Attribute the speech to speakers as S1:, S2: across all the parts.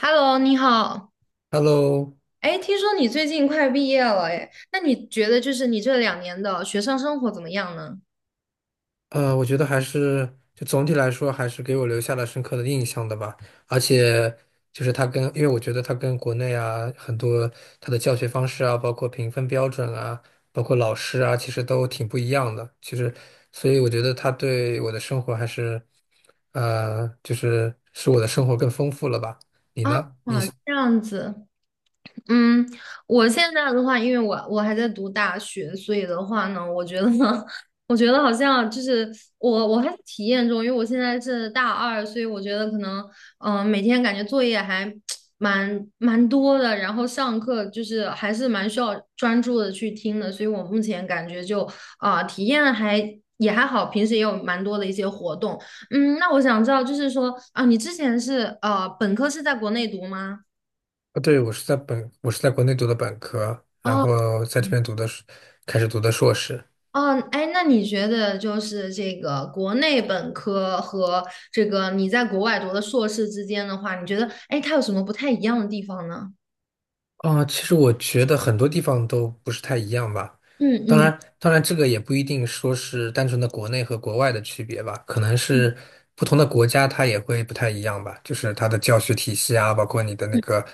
S1: Hello，你好。
S2: Hello，
S1: 哎，听说你最近快毕业了，哎，那你觉得就是你这两年的学生生活怎么样呢？
S2: 我觉得还是就总体来说，还是给我留下了深刻的印象的吧。而且就是他跟，因为我觉得他跟国内啊很多他的教学方式啊，包括评分标准啊，包括老师啊，其实都挺不一样的。其实，所以我觉得他对我的生活还是，就是使我的生活更丰富了吧。你呢？你，
S1: 啊，这样子。嗯，我现在的话，因为我还在读大学，所以的话呢，我觉得，呢，我觉得好像就是我还在体验中，因为我现在是大二，所以我觉得可能，每天感觉作业还 蛮多的，然后上课就是还是蛮需要专注的去听的，所以我目前感觉就体验还也还好，平时也有蛮多的一些活动。嗯，那我想知道，就是说啊、你之前是本科是在国内读吗？
S2: 对，我是在国内读的本科，然
S1: 哦。
S2: 后在这边读的是，开始读的硕士。
S1: 哦，哎，那你觉得就是这个国内本科和这个你在国外读的硕士之间的话，你觉得哎，它有什么不太一样的地方呢？
S2: 啊、其实我觉得很多地方都不是太一样吧。
S1: 嗯
S2: 当
S1: 嗯
S2: 然，当然，这个也不一定说是单纯的国内和国外的区别吧，可能
S1: 嗯
S2: 是不同的国家它也会不太一样吧，就是它的教学体系啊，包括你的那
S1: 嗯。
S2: 个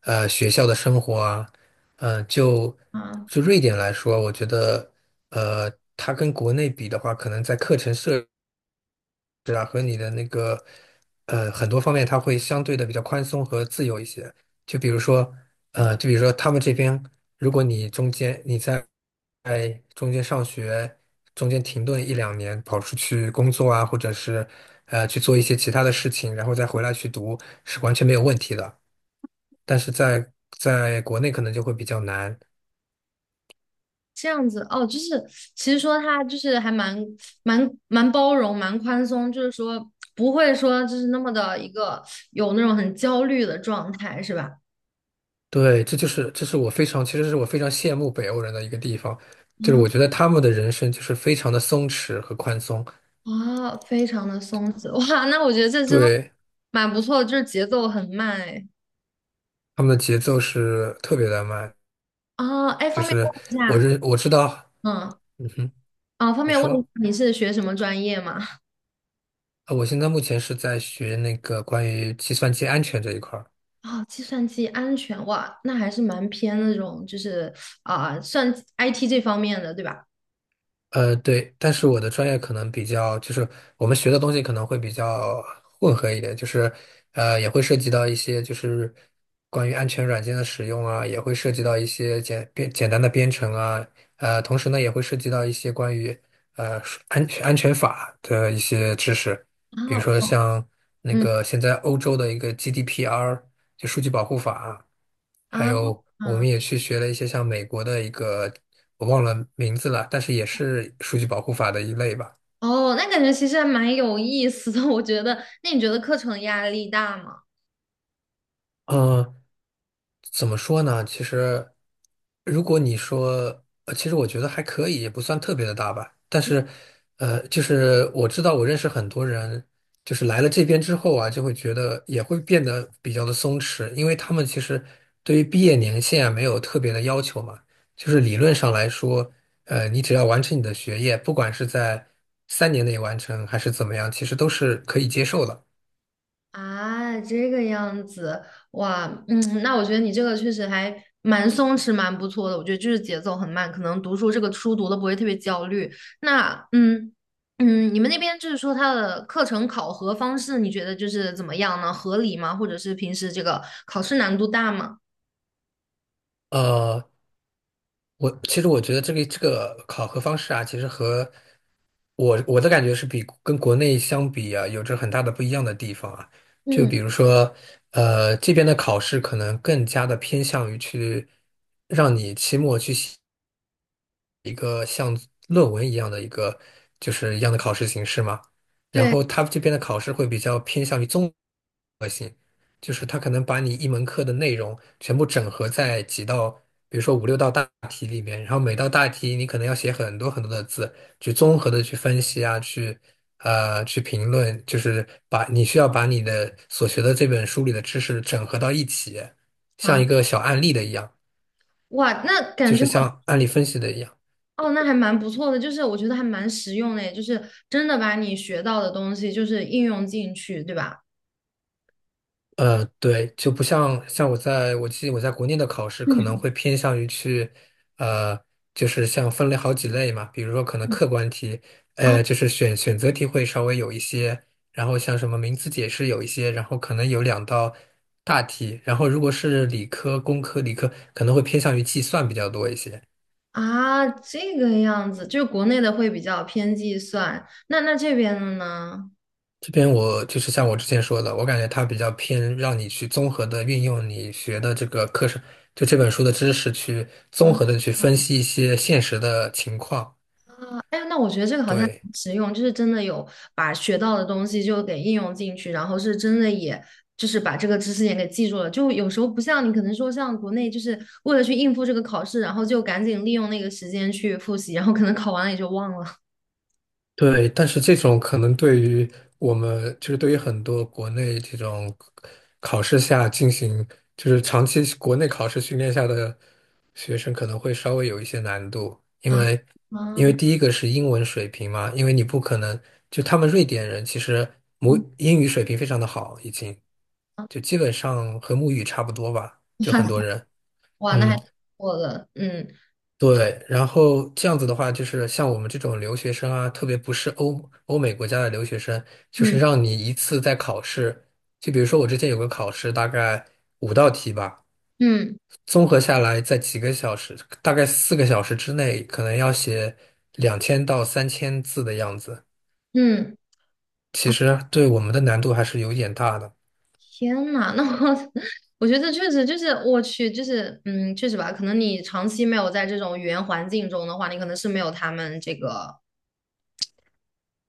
S2: 学校的生活啊，嗯、就
S1: 啊，
S2: 就瑞典来说，我觉得它跟国内比的话，可能在课程设。是啊，和你的那个很多方面，它会相对的比较宽松和自由一些。就比如说，他们这边，如果你中间你在中间上学，中间停顿一两年，跑出去工作啊，或者是去做一些其他的事情，然后再回来去读，是完全没有问题的。但是在国内可能就会比较难。
S1: 这样子哦，就是其实说它就是还蛮包容、蛮宽松，就是说不会说就是那么的一个有那种很焦虑的状态，是吧？
S2: 对，这就是这是我非常，其实是我非常羡慕北欧人的一个地方，就是
S1: 啊
S2: 我觉得他们的人生就是非常的松弛和宽松，
S1: 啊，非常的松弛哇，那我觉得这真的
S2: 对，
S1: 蛮不错的，就是节奏很慢哎。
S2: 他们的节奏是特别的慢，
S1: 啊，哎，
S2: 就
S1: 方便问
S2: 是
S1: 一下，
S2: 我知道，
S1: 嗯，
S2: 嗯哼，
S1: 啊，方
S2: 你
S1: 便问一
S2: 说
S1: 下你是学什么专业吗？
S2: 啊，我现在目前是在学那个关于计算机安全这一块儿。
S1: 哦，计算机安全，哇，那还是蛮偏那种，就是算 IT 这方面的，对吧？
S2: 对，但是我的专业可能比较，就是我们学的东西可能会比较混合一点，就是也会涉及到一些就是关于安全软件的使用啊，也会涉及到一些简单的编程啊，同时呢也会涉及到一些关于呃安全法的一些知识，比如说
S1: 啊，
S2: 像那
S1: 嗯，
S2: 个现在欧洲的一个 GDPR。就数据保护法，还
S1: 啊，
S2: 有我
S1: 啊，
S2: 们也去学了一些像美国的一个我忘了名字了，但是也是数据保护法的一类吧。
S1: 哦，那感觉其实还蛮有意思的，我觉得。那你觉得课程压力大吗？
S2: 嗯，怎么说呢？其实，如果你说，其实我觉得还可以，也不算特别的大吧。但是，就是我知道我认识很多人，就是来了这边之后啊，就会觉得也会变得比较的松弛，因为他们其实对于毕业年限啊没有特别的要求嘛。就是理论上来说，你只要完成你的学业，不管是在三年内完成还是怎么样，其实都是可以接受的。
S1: 啊，这个样子，哇，嗯，那我觉得你这个确实还蛮松弛，蛮不错的。我觉得就是节奏很慢，可能读书这个书读的不会特别焦虑。那，嗯嗯，你们那边就是说它的课程考核方式，你觉得就是怎么样呢？合理吗？或者是平时这个考试难度大吗？
S2: 呃，我其实我觉得这个这个考核方式啊，其实和我的感觉是比跟国内相比啊，有着很大的不一样的地方啊。就
S1: 嗯，
S2: 比如说，这边的考试可能更加的偏向于去让你期末去写一个像论文一样的一个就是一样的考试形式嘛。然
S1: 对
S2: 后他这边的考试会比较偏向于综。就是它可能把你一门课的内容全部整合在几道，比如说五六道大题里面，然后每道大题你可能要写很多很多的字，去综合的去分析啊，去去评论，就是把你需要把你的所学的这本书里的知识整合到一起，像
S1: 啊，
S2: 一个小案例的一样，
S1: 哇，那
S2: 就
S1: 感觉
S2: 是像案例分析的一样。
S1: 哦，那还蛮不错的，就是我觉得还蛮实用的耶，就是真的把你学到的东西就是应用进去，对吧？
S2: 对，就不像我在我记得我在国内的考试可能
S1: 嗯，
S2: 会偏向于去，呃，就是像分类好几类嘛，比如说可能
S1: 嗯
S2: 客观题，就是选择题会稍微有一些，然后像什么名词解释有一些，然后可能有两道大题，然后如果是理科、工科、理科可能会偏向于计算比较多一些。
S1: 啊，这个样子，就是国内的会比较偏计算，那这边的呢？
S2: 这边我就是像我之前说的，我感觉它比较偏让你去综合的运用你学的这个课程，就这本书的知识去综
S1: 啊，
S2: 合的去分析一些现实的情况。
S1: 哎，那我觉得这个好像
S2: 对。
S1: 很实用，就是真的有把学到的东西就给应用进去，然后是真的也就是把这个知识点给记住了。就有时候不像你可能说像国内，就是为了去应付这个考试，然后就赶紧利用那个时间去复习，然后可能考完了也就忘了。
S2: 对，但是这种可能对于我们，就是对于很多国内这种考试下进行，就是长期国内考试训练下的学生，可能会稍微有一些难度，因
S1: 啊
S2: 为因
S1: 啊，
S2: 为第一个是英文水平嘛，因为你不可能就他们瑞典人其实母
S1: 嗯
S2: 英语水平非常的好，已经
S1: 啊
S2: 就基本上和母语差不多吧，就
S1: 哇
S2: 很
S1: 塞，
S2: 多人，
S1: 哇，那还
S2: 嗯，
S1: 挺不错的，嗯
S2: 对，然后这样子的话，就是像我们这种留学生啊，特别不是欧美国家的留学生，就
S1: 嗯
S2: 是让你一次在考试，就比如说我之前有个考试，大概五道题吧，
S1: 嗯
S2: 综合下来在几个小时，大概四个小时之内，可能要写两千到三千字的样子，
S1: 嗯。
S2: 其实对我们的难度还是有点大的。
S1: 天呐，那我 我觉得确实就是我去，就是确实吧，可能你长期没有在这种语言环境中的话，你可能是没有他们这个，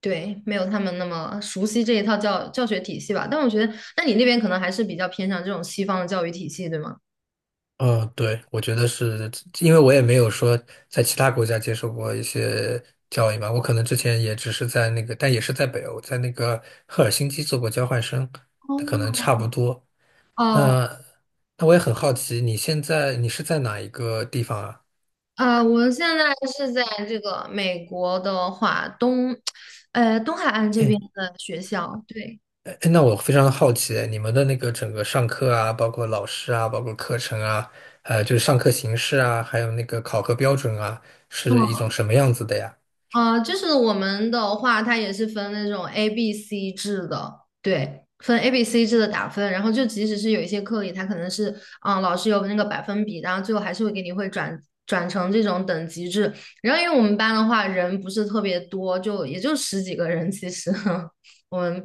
S1: 对，没有他们那么熟悉这一套教学体系吧。但我觉得，那你那边可能还是比较偏向这种西方的教育体系，对吗？
S2: 嗯，对，我觉得是因为我也没有说在其他国家接受过一些教育嘛，我可能之前也只是在那个，但也是在北欧，在那个赫尔辛基做过交换生，它可
S1: 哦，
S2: 能差不多。
S1: 哦，
S2: 那那我也很好奇，你现在你是在哪一个地方啊？
S1: 我现在是在这个美国的话，东海岸这边
S2: 哎
S1: 的学校，对。
S2: 哎，那我非常好奇，你们的那个整个上课啊，包括老师啊，包括课程啊，就是上课形式啊，还有那个考核标准啊，是一种什么样子的呀？
S1: 就是我们的话，它也是分那种 A、B、C 制的，对，分 A、B、C 制的打分。然后就即使是有一些课里，它可能是，老师有那个百分比，然后最后还是会给你会转成这种等级制。然后因为我们班的话，人不是特别多，就也就十几个人，其实 我们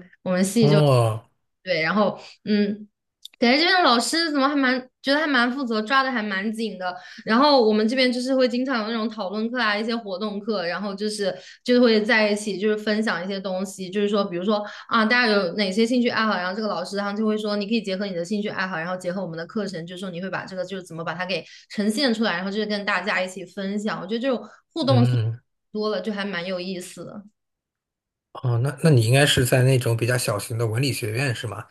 S2: 哦，
S1: 对，然后嗯，感觉这边的老师怎么还蛮觉得还蛮负责，抓的还蛮紧的。然后我们这边就是会经常有那种讨论课啊，一些活动课，然后就是会在一起就是分享一些东西，就是说比如说啊，大家有哪些兴趣爱好，然后这个老师他就会说你可以结合你的兴趣爱好，然后结合我们的课程，就是说你会把这个就是怎么把它给呈现出来，然后就是跟大家一起分享。我觉得这种互动性
S2: 嗯。
S1: 多了，就还蛮有意思的。
S2: 哦，那你应该是在那种比较小型的文理学院是吗？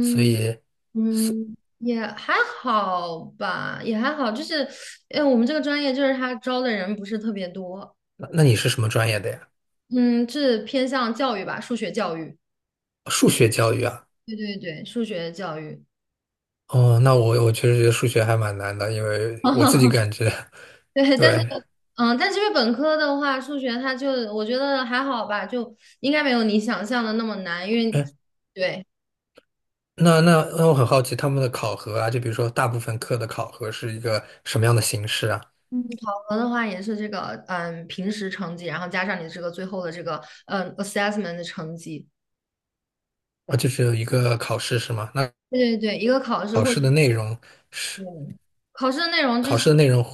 S2: 所以，
S1: 嗯，也还好吧，也还好，就是，我们这个专业就是他招的人不是特别多，
S2: 那你是什么专业的呀？
S1: 嗯，是偏向教育吧，数学教育，
S2: 数学教育啊？
S1: 对对对，数学教育，
S2: 哦，那我确实觉得数学还蛮难的，因为我自己 感觉
S1: 对，但是，
S2: 对。
S1: 嗯，但是因为本科的话，数学它就我觉得还好吧，就应该没有你想象的那么难，因为，
S2: 哎，
S1: 对，
S2: 那我很好奇他们的考核啊，就比如说大部分课的考核是一个什么样的形式啊？
S1: 嗯，考核的话也是这个，平时成绩，然后加上你这个最后的这个，assessment 的成绩。
S2: 啊，就只有一个考试是吗？那
S1: 对对对，一个考试
S2: 考
S1: 或者
S2: 试的内容是
S1: 对，考试的内容就
S2: 考
S1: 是，
S2: 试的内容。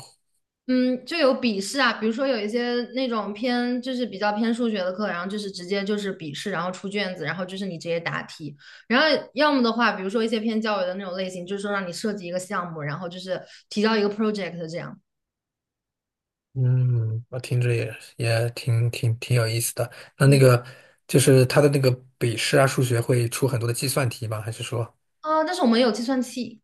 S1: 嗯，就有笔试啊，比如说有一些那种偏就是比较偏数学的课，然后就是直接就是笔试，然后出卷子，然后就是你直接答题。然后要么的话，比如说一些偏教育的那种类型，就是说让你设计一个项目，然后就是提交一个 project 这样。
S2: 嗯，我听着也挺有意思的。那那个就是他的那个笔试啊，数学会出很多的计算题吧？还是说，
S1: 啊、但是我们有计算器。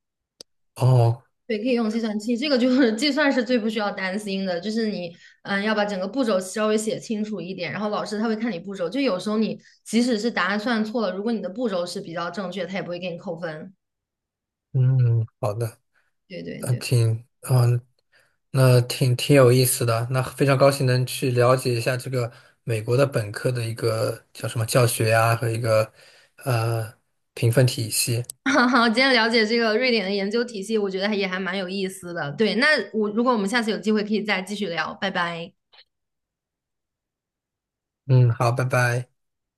S2: 哦，
S1: 对，可以用计算器，这个就 是计算是最不需要担心的，就是你，要把整个步骤稍微写清楚一点，然后老师他会看你步骤，就有时候你即使是答案算错了，如果你的步骤是比较正确，他也不会给你扣分。
S2: 嗯，好的，
S1: 对对
S2: 呃
S1: 对，
S2: 挺，嗯，那挺有意思的。那非常高兴能去了解一下这个美国的本科的一个叫什么教学呀、和一个呃评分体系。
S1: 好，今天了解这个瑞典的研究体系，我觉得还也还蛮有意思的。对，那我如果我们下次有机会可以再继续聊，拜拜。
S2: 嗯，好，拜拜。